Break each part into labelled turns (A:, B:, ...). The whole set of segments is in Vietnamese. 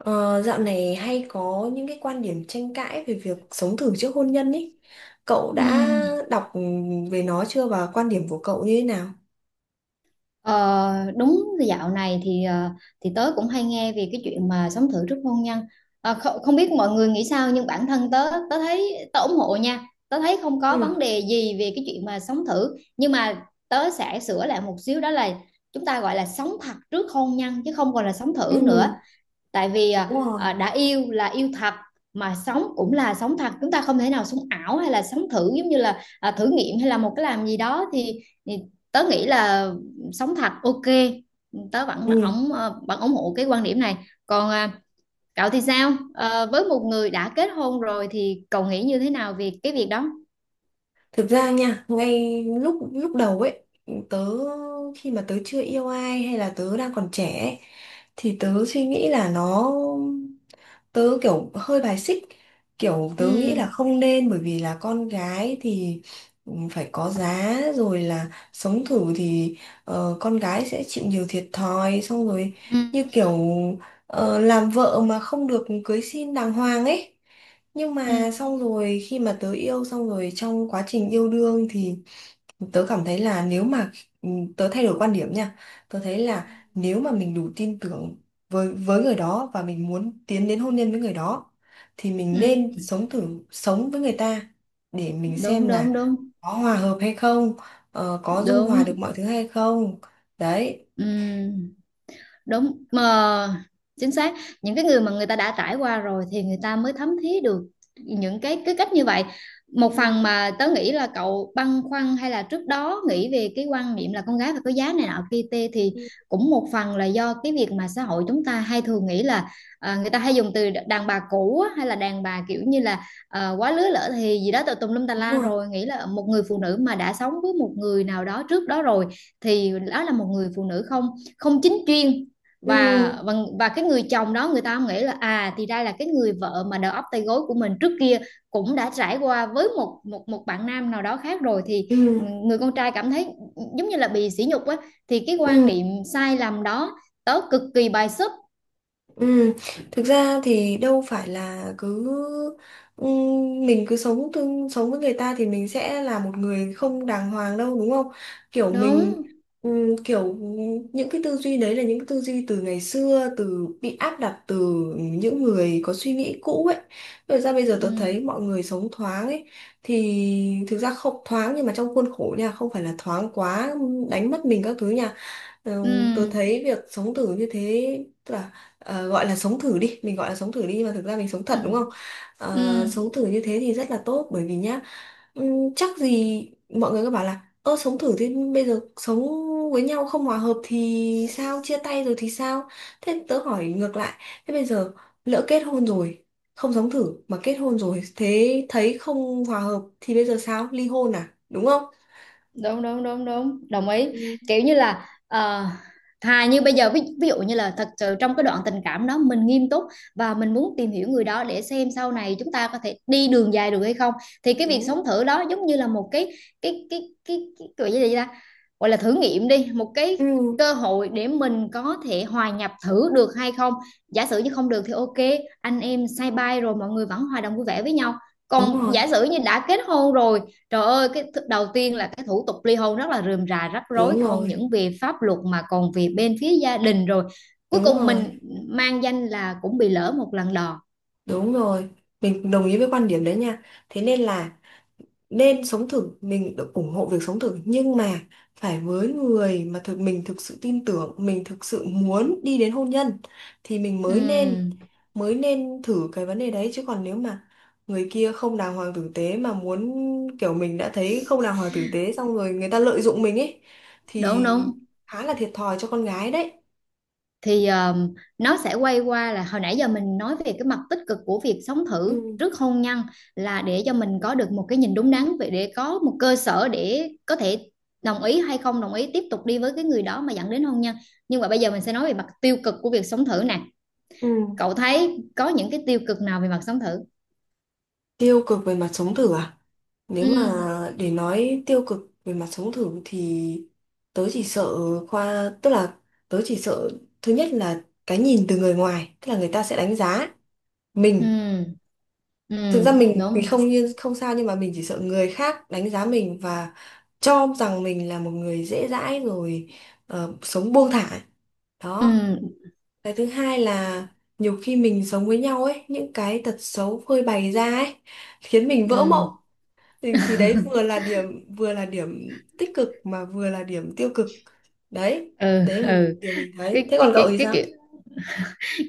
A: Ờ, Dạo này hay có những cái quan điểm tranh cãi về việc sống thử trước hôn nhân ý. Cậu đã
B: Ừ.
A: đọc về nó chưa và quan điểm của cậu như thế nào?
B: Ờ, Đúng, dạo này thì tớ cũng hay nghe về cái chuyện mà sống thử trước hôn nhân. Không biết mọi người nghĩ sao, nhưng bản thân tớ tớ thấy tớ ủng hộ nha, tớ thấy không có vấn
A: Ừ.
B: đề gì về cái chuyện mà sống thử. Nhưng mà tớ sẽ sửa lại một xíu, đó là chúng ta gọi là sống thật trước hôn nhân chứ không còn là sống
A: Ừ,
B: thử nữa. Tại vì
A: đúng rồi.
B: đã yêu là yêu thật mà sống cũng là sống thật, chúng ta không thể nào sống ảo hay là sống thử giống như là thử nghiệm hay là một cái làm gì đó. Thì tớ nghĩ là sống thật, ok, tớ vẫn
A: Ừ.
B: ủng hộ cái quan điểm này. Còn cậu thì sao? Ờ, với một người đã kết hôn rồi thì cậu nghĩ như thế nào về cái việc đó?
A: Thực ra nha, ngay lúc lúc đầu ấy, tớ khi mà tớ chưa yêu ai hay là tớ đang còn trẻ ấy, thì tớ suy nghĩ là nó tớ kiểu hơi bài xích, kiểu
B: Ừ,
A: tớ nghĩ là không nên, bởi vì là con gái thì phải có giá, rồi là sống thử thì con gái sẽ chịu nhiều thiệt thòi. Xong rồi
B: ừ,
A: như kiểu làm vợ mà không được cưới xin đàng hoàng ấy. Nhưng
B: ừ,
A: mà xong rồi khi mà tớ yêu, xong rồi trong quá trình yêu đương thì tớ cảm thấy là nếu mà tớ thay đổi quan điểm nha, tớ thấy là
B: ừ,
A: nếu mà mình đủ tin tưởng với người đó và mình muốn tiến đến hôn nhân với người đó thì mình
B: ừ.
A: nên sống thử, sống với người ta để mình
B: Đúng,
A: xem là
B: đúng, đúng,
A: có hòa hợp hay không, có dung hòa được
B: đúng.
A: mọi thứ hay không. Đấy.
B: Ừ, đúng mà, chính xác. Những cái người mà người ta đã trải qua rồi thì người ta mới thấm thía được những cái cách như vậy. Một
A: Ừ.
B: phần mà tớ nghĩ là cậu băn khoăn, hay là trước đó nghĩ về cái quan niệm là con gái phải có giá này nọ kia tê, thì
A: Ừ.
B: cũng một phần là do cái việc mà xã hội chúng ta hay thường nghĩ là người ta hay dùng từ đàn bà cũ á, hay là đàn bà kiểu như là quá lứa lỡ thì gì đó tùm tùm lum tà
A: Đúng
B: la.
A: rồi.
B: Rồi nghĩ là một người phụ nữ mà đã sống với một người nào đó trước đó rồi thì đó là một người phụ nữ không không chính chuyên.
A: Ừ.
B: Và và và cái người chồng đó, người ta nghĩ là à, thì đây là cái người vợ mà đầu óc tay gối của mình, trước kia cũng đã trải qua với một một một bạn nam nào đó khác rồi, thì
A: Ừ.
B: ừ, người con trai cảm thấy ừ, giống như là bị sỉ nhục á. Thì cái quan
A: Ừ.
B: niệm sai lầm đó tớ cực kỳ bài xích.
A: Ừ, thực ra thì đâu phải là cứ mình cứ sống tương sống với người ta thì mình sẽ là một người không đàng hoàng đâu, đúng không? Kiểu mình
B: Đúng.
A: kiểu những cái tư duy đấy là những cái tư duy từ ngày xưa, từ bị áp đặt từ những người có suy nghĩ cũ ấy. Rồi ra bây giờ
B: Ừ.
A: tôi thấy mọi người sống thoáng ấy thì thực ra không thoáng, nhưng mà trong khuôn khổ nha, không phải là thoáng quá đánh mất mình các thứ nha. Ừ.
B: Ừ.
A: Tôi thấy việc sống thử như thế tức là gọi là sống thử đi, mình gọi là sống thử đi, nhưng mà thực ra mình sống
B: Ừ.
A: thật đúng không. Ờ,
B: Ừ.
A: sống thử như thế thì rất là tốt, bởi vì nhá chắc gì, mọi người cứ bảo là ơ sống thử thì bây giờ sống với nhau không hòa hợp thì sao, chia tay rồi thì sao. Thế tớ hỏi ngược lại, thế bây giờ lỡ kết hôn rồi, không sống thử mà kết hôn rồi, thế thấy không hòa hợp thì bây giờ sao, ly hôn à, đúng không.
B: Đúng, đúng, đúng, đúng, đồng ý.
A: Ừ.
B: Kiểu như là, thà như bây giờ, ví dụ như là thật sự trong cái đoạn tình cảm đó mình nghiêm túc và mình muốn tìm hiểu người đó để xem sau này chúng ta có thể đi đường dài được hay không, thì cái việc
A: Đúng.
B: sống thử đó giống như là một cái gọi là gì ta, gọi là thử nghiệm đi, một cái
A: Ừ,
B: cơ hội để mình có thể hòa nhập thử được hay không. Giả sử như không được thì ok, anh em say bay rồi mọi người vẫn hòa đồng vui vẻ với nhau.
A: đúng
B: Còn
A: rồi.
B: giả sử như đã kết hôn rồi, trời ơi, đầu tiên là cái thủ tục ly hôn rất là rườm rà rắc rối,
A: Đúng
B: không
A: rồi.
B: những vì pháp luật mà còn vì bên phía gia đình rồi. Cuối
A: Đúng
B: cùng
A: rồi,
B: mình mang danh là cũng bị lỡ một lần đò.
A: đúng rồi. Mình đồng ý với quan điểm đấy nha. Thế nên là nên sống thử, mình được ủng hộ việc sống thử, nhưng mà phải với người mà mình thực sự tin tưởng, mình thực sự muốn đi đến hôn nhân thì mình mới nên,
B: Ừm,
A: mới nên thử cái vấn đề đấy. Chứ còn nếu mà người kia không đàng hoàng tử tế mà muốn, kiểu mình đã thấy không đàng hoàng tử tế xong rồi người ta lợi dụng mình ấy
B: đúng,
A: thì
B: đúng.
A: khá là thiệt thòi cho con gái đấy.
B: Thì nó sẽ quay qua là hồi nãy giờ mình nói về cái mặt tích cực của việc sống thử
A: Ừ.
B: trước hôn nhân, là để cho mình có được một cái nhìn đúng đắn, về để có một cơ sở để có thể đồng ý hay không đồng ý tiếp tục đi với cái người đó mà dẫn đến hôn nhân. Nhưng mà bây giờ mình sẽ nói về mặt tiêu cực của việc sống thử nè.
A: Ừ.
B: Cậu thấy có những cái tiêu cực nào về mặt sống thử?
A: Tiêu cực về mặt sống thử à? Nếu mà
B: Ừ,
A: để nói tiêu cực về mặt sống thử thì tớ chỉ sợ tức là tớ chỉ sợ thứ nhất là cái nhìn từ người ngoài, tức là người ta sẽ đánh giá mình.
B: ừ,
A: Thực
B: ừ,
A: ra mình thì
B: đúng,
A: không, như không sao, nhưng mà mình chỉ sợ người khác đánh giá mình và cho rằng mình là một người dễ dãi, rồi sống buông thả. Đó.
B: ừ,
A: Cái thứ hai là nhiều khi mình sống với nhau ấy, những cái tật xấu phơi bày ra ấy khiến mình vỡ mộng.
B: ừ,
A: Thì đấy vừa là điểm, vừa là điểm tích cực mà vừa là điểm tiêu cực đấy.
B: ừ,
A: Đấy là
B: ừ.
A: điều mình thấy, thế
B: cái
A: còn
B: cái
A: cậu
B: cái
A: thì
B: cái
A: sao.
B: kiểu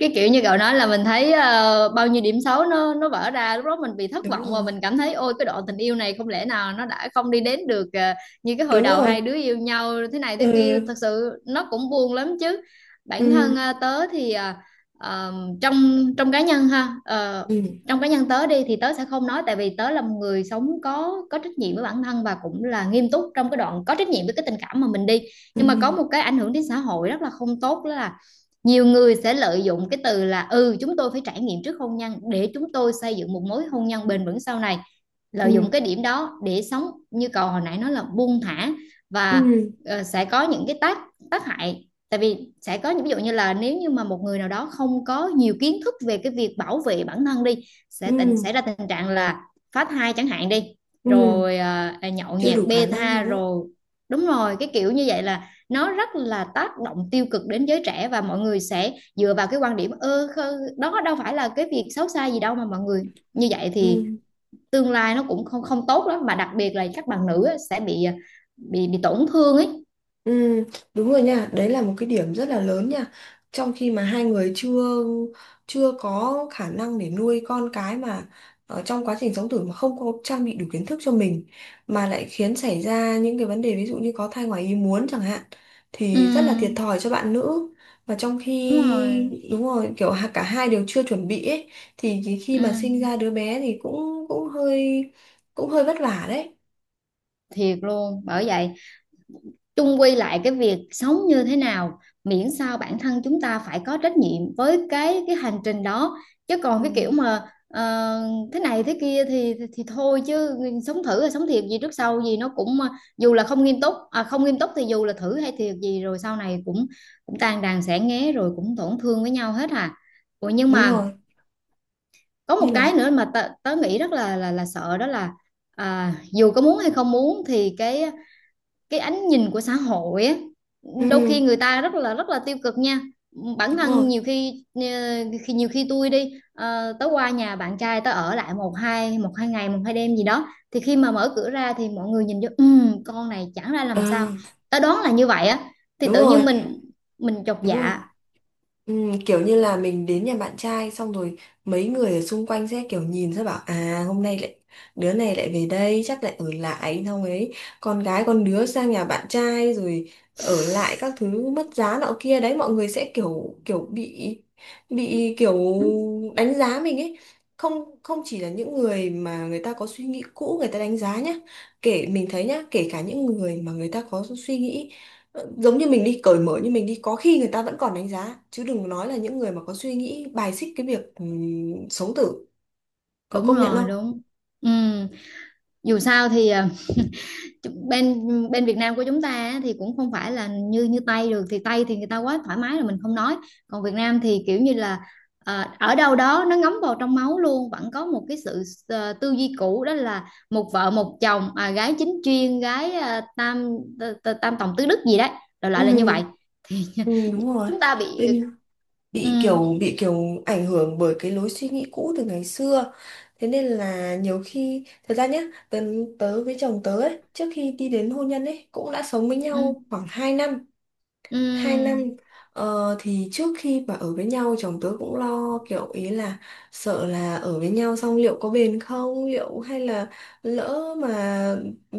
B: cái kiểu như cậu nói là mình thấy bao nhiêu điểm xấu nó vỡ ra, lúc đó mình bị thất
A: Đúng
B: vọng và
A: rồi.
B: mình cảm thấy ôi, cái đoạn tình yêu này không lẽ nào nó đã không đi đến được như cái hồi
A: Đúng
B: đầu
A: rồi.
B: hai đứa yêu nhau thế này
A: Ừ.
B: thế kia. Thật sự nó cũng buồn lắm chứ. Bản
A: Ừ.
B: thân tớ thì ờ, trong trong cá nhân ha,
A: Ừ.
B: trong cá nhân tớ đi, thì tớ sẽ không nói, tại vì tớ là một người sống có trách nhiệm với bản thân và cũng là nghiêm túc trong cái đoạn có trách nhiệm với cái tình cảm mà mình đi.
A: Ừ.
B: Nhưng mà có một cái ảnh hưởng đến xã hội rất là không tốt, đó là nhiều người sẽ lợi dụng cái từ là, ừ, chúng tôi phải trải nghiệm trước hôn nhân để chúng tôi xây dựng một mối hôn nhân bền vững sau này,
A: Ừ.
B: lợi dụng cái điểm đó để sống, như cậu hồi nãy nói, là buông thả. Và
A: Ừ.
B: sẽ có những cái tác tác hại. Tại vì sẽ có những ví dụ như là, nếu như mà một người nào đó không có nhiều kiến thức về cái việc bảo vệ bản thân đi, sẽ
A: Ừ.
B: tình xảy ra tình trạng là phá thai chẳng hạn đi,
A: Ừ.
B: rồi nhậu
A: Chưa
B: nhẹt
A: đủ khả
B: bê
A: năng
B: tha
A: đúng không.
B: rồi. Đúng rồi, cái kiểu như vậy là nó rất là tác động tiêu cực đến giới trẻ. Và mọi người sẽ dựa vào cái quan điểm ơ, đó đâu phải là cái việc xấu xa gì đâu mà mọi người như vậy, thì
A: Ừ.
B: tương lai nó cũng không không tốt lắm. Mà đặc biệt là các bạn nữ á, sẽ bị bị tổn thương ấy.
A: Ừ, đúng rồi nha, đấy là một cái điểm rất là lớn nha. Trong khi mà hai người chưa chưa có khả năng để nuôi con cái, mà ở trong quá trình sống thử mà không có trang bị đủ kiến thức cho mình, mà lại khiến xảy ra những cái vấn đề, ví dụ như có thai ngoài ý muốn chẳng hạn,
B: Ừ,
A: thì rất là thiệt thòi cho bạn nữ. Và trong
B: đúng
A: khi
B: rồi,
A: đúng rồi, kiểu cả hai đều chưa chuẩn bị ấy thì cái khi
B: ừ.
A: mà sinh ra đứa bé thì cũng cũng hơi, cũng hơi vất vả đấy.
B: Thiệt luôn, bởi vậy chung quy lại, cái việc sống như thế nào, miễn sao bản thân chúng ta phải có trách nhiệm với cái hành trình đó. Chứ còn
A: Ừ,
B: cái kiểu mà ờ, thế này thế kia thì thì thôi chứ. Sống thử hay sống thiệt gì, trước sau gì nó cũng dù là không nghiêm túc, không nghiêm túc thì dù là thử hay thiệt gì rồi sau này cũng cũng tan đàn xẻ nghé, rồi cũng tổn thương với nhau hết à. Ủa, nhưng
A: đúng
B: mà
A: rồi.
B: có
A: Như
B: một cái
A: là
B: nữa mà tớ nghĩ rất là sợ, đó là dù có muốn hay không muốn thì cái ánh nhìn của xã hội á, đôi
A: ừ,
B: khi người ta rất là tiêu cực nha. Bản
A: đúng
B: thân
A: rồi.
B: nhiều khi khi nhiều khi tôi đi, tới qua nhà bạn trai, tới ở lại một hai, một hai ngày, một hai đêm gì đó, thì khi mà mở cửa ra thì mọi người nhìn vô con này chẳng ra
A: Ờ,
B: làm sao", ta đoán là như vậy á. Thì
A: đúng
B: tự
A: rồi,
B: nhiên mình chột
A: đúng rồi.
B: dạ.
A: Ừ, kiểu như là mình đến nhà bạn trai xong rồi mấy người ở xung quanh sẽ kiểu nhìn, sẽ bảo à hôm nay lại, đứa này lại về đây chắc lại ở lại xong ấy, con gái con đứa sang nhà bạn trai rồi ở lại các thứ, mất giá nọ kia đấy, mọi người sẽ kiểu kiểu bị kiểu
B: Ừ,
A: đánh giá mình ấy. Không không chỉ là những người mà người ta có suy nghĩ cũ người ta đánh giá nhá, kể mình thấy nhá, kể cả những người mà người ta có suy nghĩ giống như mình đi, cởi mở như mình đi, có khi người ta vẫn còn đánh giá, chứ đừng nói là những người mà có suy nghĩ bài xích cái việc sống tử. Cậu
B: đúng
A: công nhận
B: rồi,
A: không.
B: đúng. Ừm, Dù sao thì, chứ bên bên Việt Nam của chúng ta á, thì cũng không phải là như như Tây được. Thì Tây thì người ta quá thoải mái rồi, mình không nói. Còn Việt Nam thì kiểu như là ở đâu đó nó ngấm vào trong máu luôn, vẫn có một cái sự tư duy cũ, đó là một vợ một chồng, gái chính chuyên, gái tam tòng tứ đức gì đấy, đại loại là như
A: Ừ,
B: vậy.
A: ừ đúng rồi.
B: Chúng ta bị.
A: Bên- bị
B: Ừ,
A: kiểu, bị kiểu ảnh hưởng bởi cái lối suy nghĩ cũ từ ngày xưa. Thế nên là nhiều khi thật ra nhá, tớ, tớ với chồng tớ ấy trước khi đi đến hôn nhân ấy cũng đã sống với nhau
B: ừ,
A: khoảng 2 năm, hai
B: ừ,
A: năm Ờ, thì trước khi mà ở với nhau chồng tớ cũng lo kiểu ý là sợ là ở với nhau xong liệu có bền không, liệu hay là lỡ mà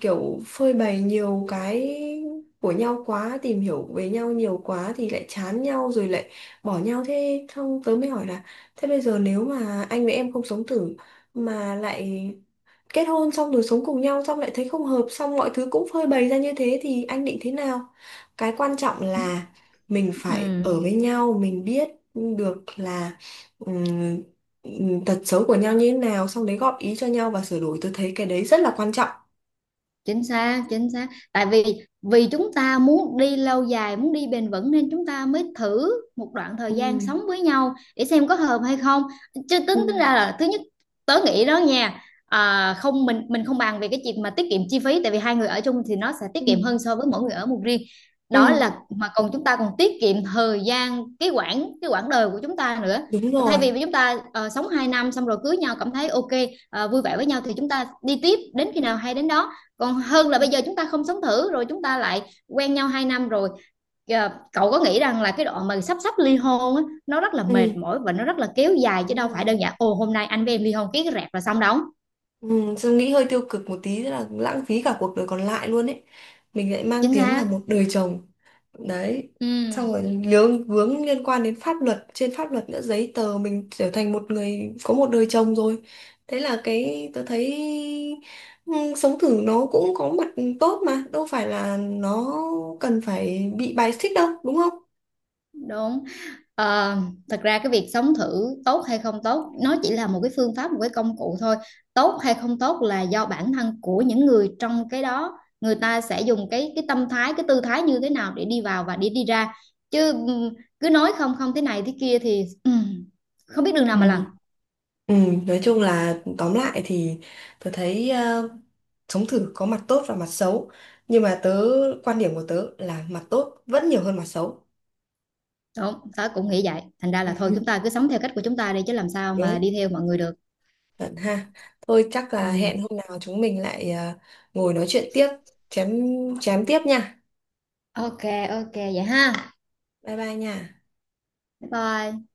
A: kiểu phơi bày nhiều cái của nhau quá, tìm hiểu về nhau nhiều quá thì lại chán nhau rồi lại bỏ nhau. Thế xong tớ mới hỏi là thế bây giờ nếu mà anh với em không sống thử mà lại kết hôn xong rồi sống cùng nhau, xong lại thấy không hợp, xong mọi thứ cũng phơi bày ra như thế thì anh định thế nào. Cái quan trọng là mình
B: ừ.
A: phải
B: Ừ.
A: ở với nhau mình biết được là ừm, tật xấu của nhau như thế nào, xong đấy góp ý cho nhau và sửa đổi, tôi thấy cái đấy rất là quan trọng.
B: Chính xác, chính xác. Tại vì, vì chúng ta muốn đi lâu dài muốn đi bền vững, nên chúng ta mới thử một đoạn
A: Ừ.
B: thời gian sống với nhau để xem có hợp hay không. Chứ tính tính
A: Ừ.
B: ra là thứ nhất, tớ nghĩ đó nha, không, mình không bàn về cái chuyện mà tiết kiệm chi phí, tại vì hai người ở chung thì nó sẽ tiết
A: Ừ.
B: kiệm hơn so với mỗi người ở một riêng.
A: Ừ
B: Đó, là mà còn chúng ta còn tiết kiệm thời gian, cái quãng đời của chúng ta nữa.
A: đúng
B: Thay
A: rồi.
B: vì chúng ta sống 2 năm xong rồi cưới nhau, cảm thấy ok, vui vẻ với nhau thì chúng ta đi tiếp đến khi nào hay đến đó. Còn hơn là
A: Ừ.
B: bây giờ chúng ta không sống thử, rồi chúng ta lại quen nhau 2 năm rồi. Cậu có nghĩ rằng là cái đoạn mà sắp sắp ly hôn á, nó rất là
A: Ừ
B: mệt mỏi và nó rất là kéo dài, chứ
A: đúng
B: đâu phải
A: rồi.
B: đơn giản ồ hôm nay anh với em ly hôn, ký cái rẹp là xong đâu.
A: Ừ, tôi nghĩ hơi tiêu cực một tí là lãng phí cả cuộc đời còn lại luôn ấy, mình lại mang
B: Chính
A: tiếng là
B: xác,
A: một đời chồng đấy.
B: ừ,
A: Xong rồi lướng vướng liên quan đến pháp luật, trên pháp luật nữa giấy tờ mình trở thành một người có một đời chồng rồi. Thế là cái tôi thấy ừ, sống thử nó cũng có mặt tốt, mà đâu phải là nó cần phải bị bài xích đâu, đúng không.
B: đúng. Ờ, Thật ra cái việc sống thử tốt hay không tốt, nó chỉ là một cái phương pháp, một cái công cụ thôi. Tốt hay không tốt là do bản thân của những người trong cái đó, người ta sẽ dùng cái tâm thái, cái tư thái như thế nào để đi vào và để đi ra. Chứ cứ nói không không thế này thế kia thì không biết đường nào
A: Ừ.
B: mà làm.
A: Ừ, nói chung là tóm lại thì tôi thấy sống thử có mặt tốt và mặt xấu, nhưng mà tớ, quan điểm của tớ là mặt tốt vẫn nhiều hơn mặt xấu.
B: Đúng, tớ cũng nghĩ vậy, thành ra là thôi chúng ta cứ sống theo cách của chúng ta đi, chứ làm sao
A: Đúng
B: mà
A: không?
B: đi theo mọi người được?
A: Chuẩn ha. Thôi chắc là hẹn
B: Ừm,
A: hôm nào chúng mình lại ngồi nói chuyện tiếp, chém chém tiếp nha.
B: ok, ok vậy ha,
A: Bye bye nha.
B: bye bye.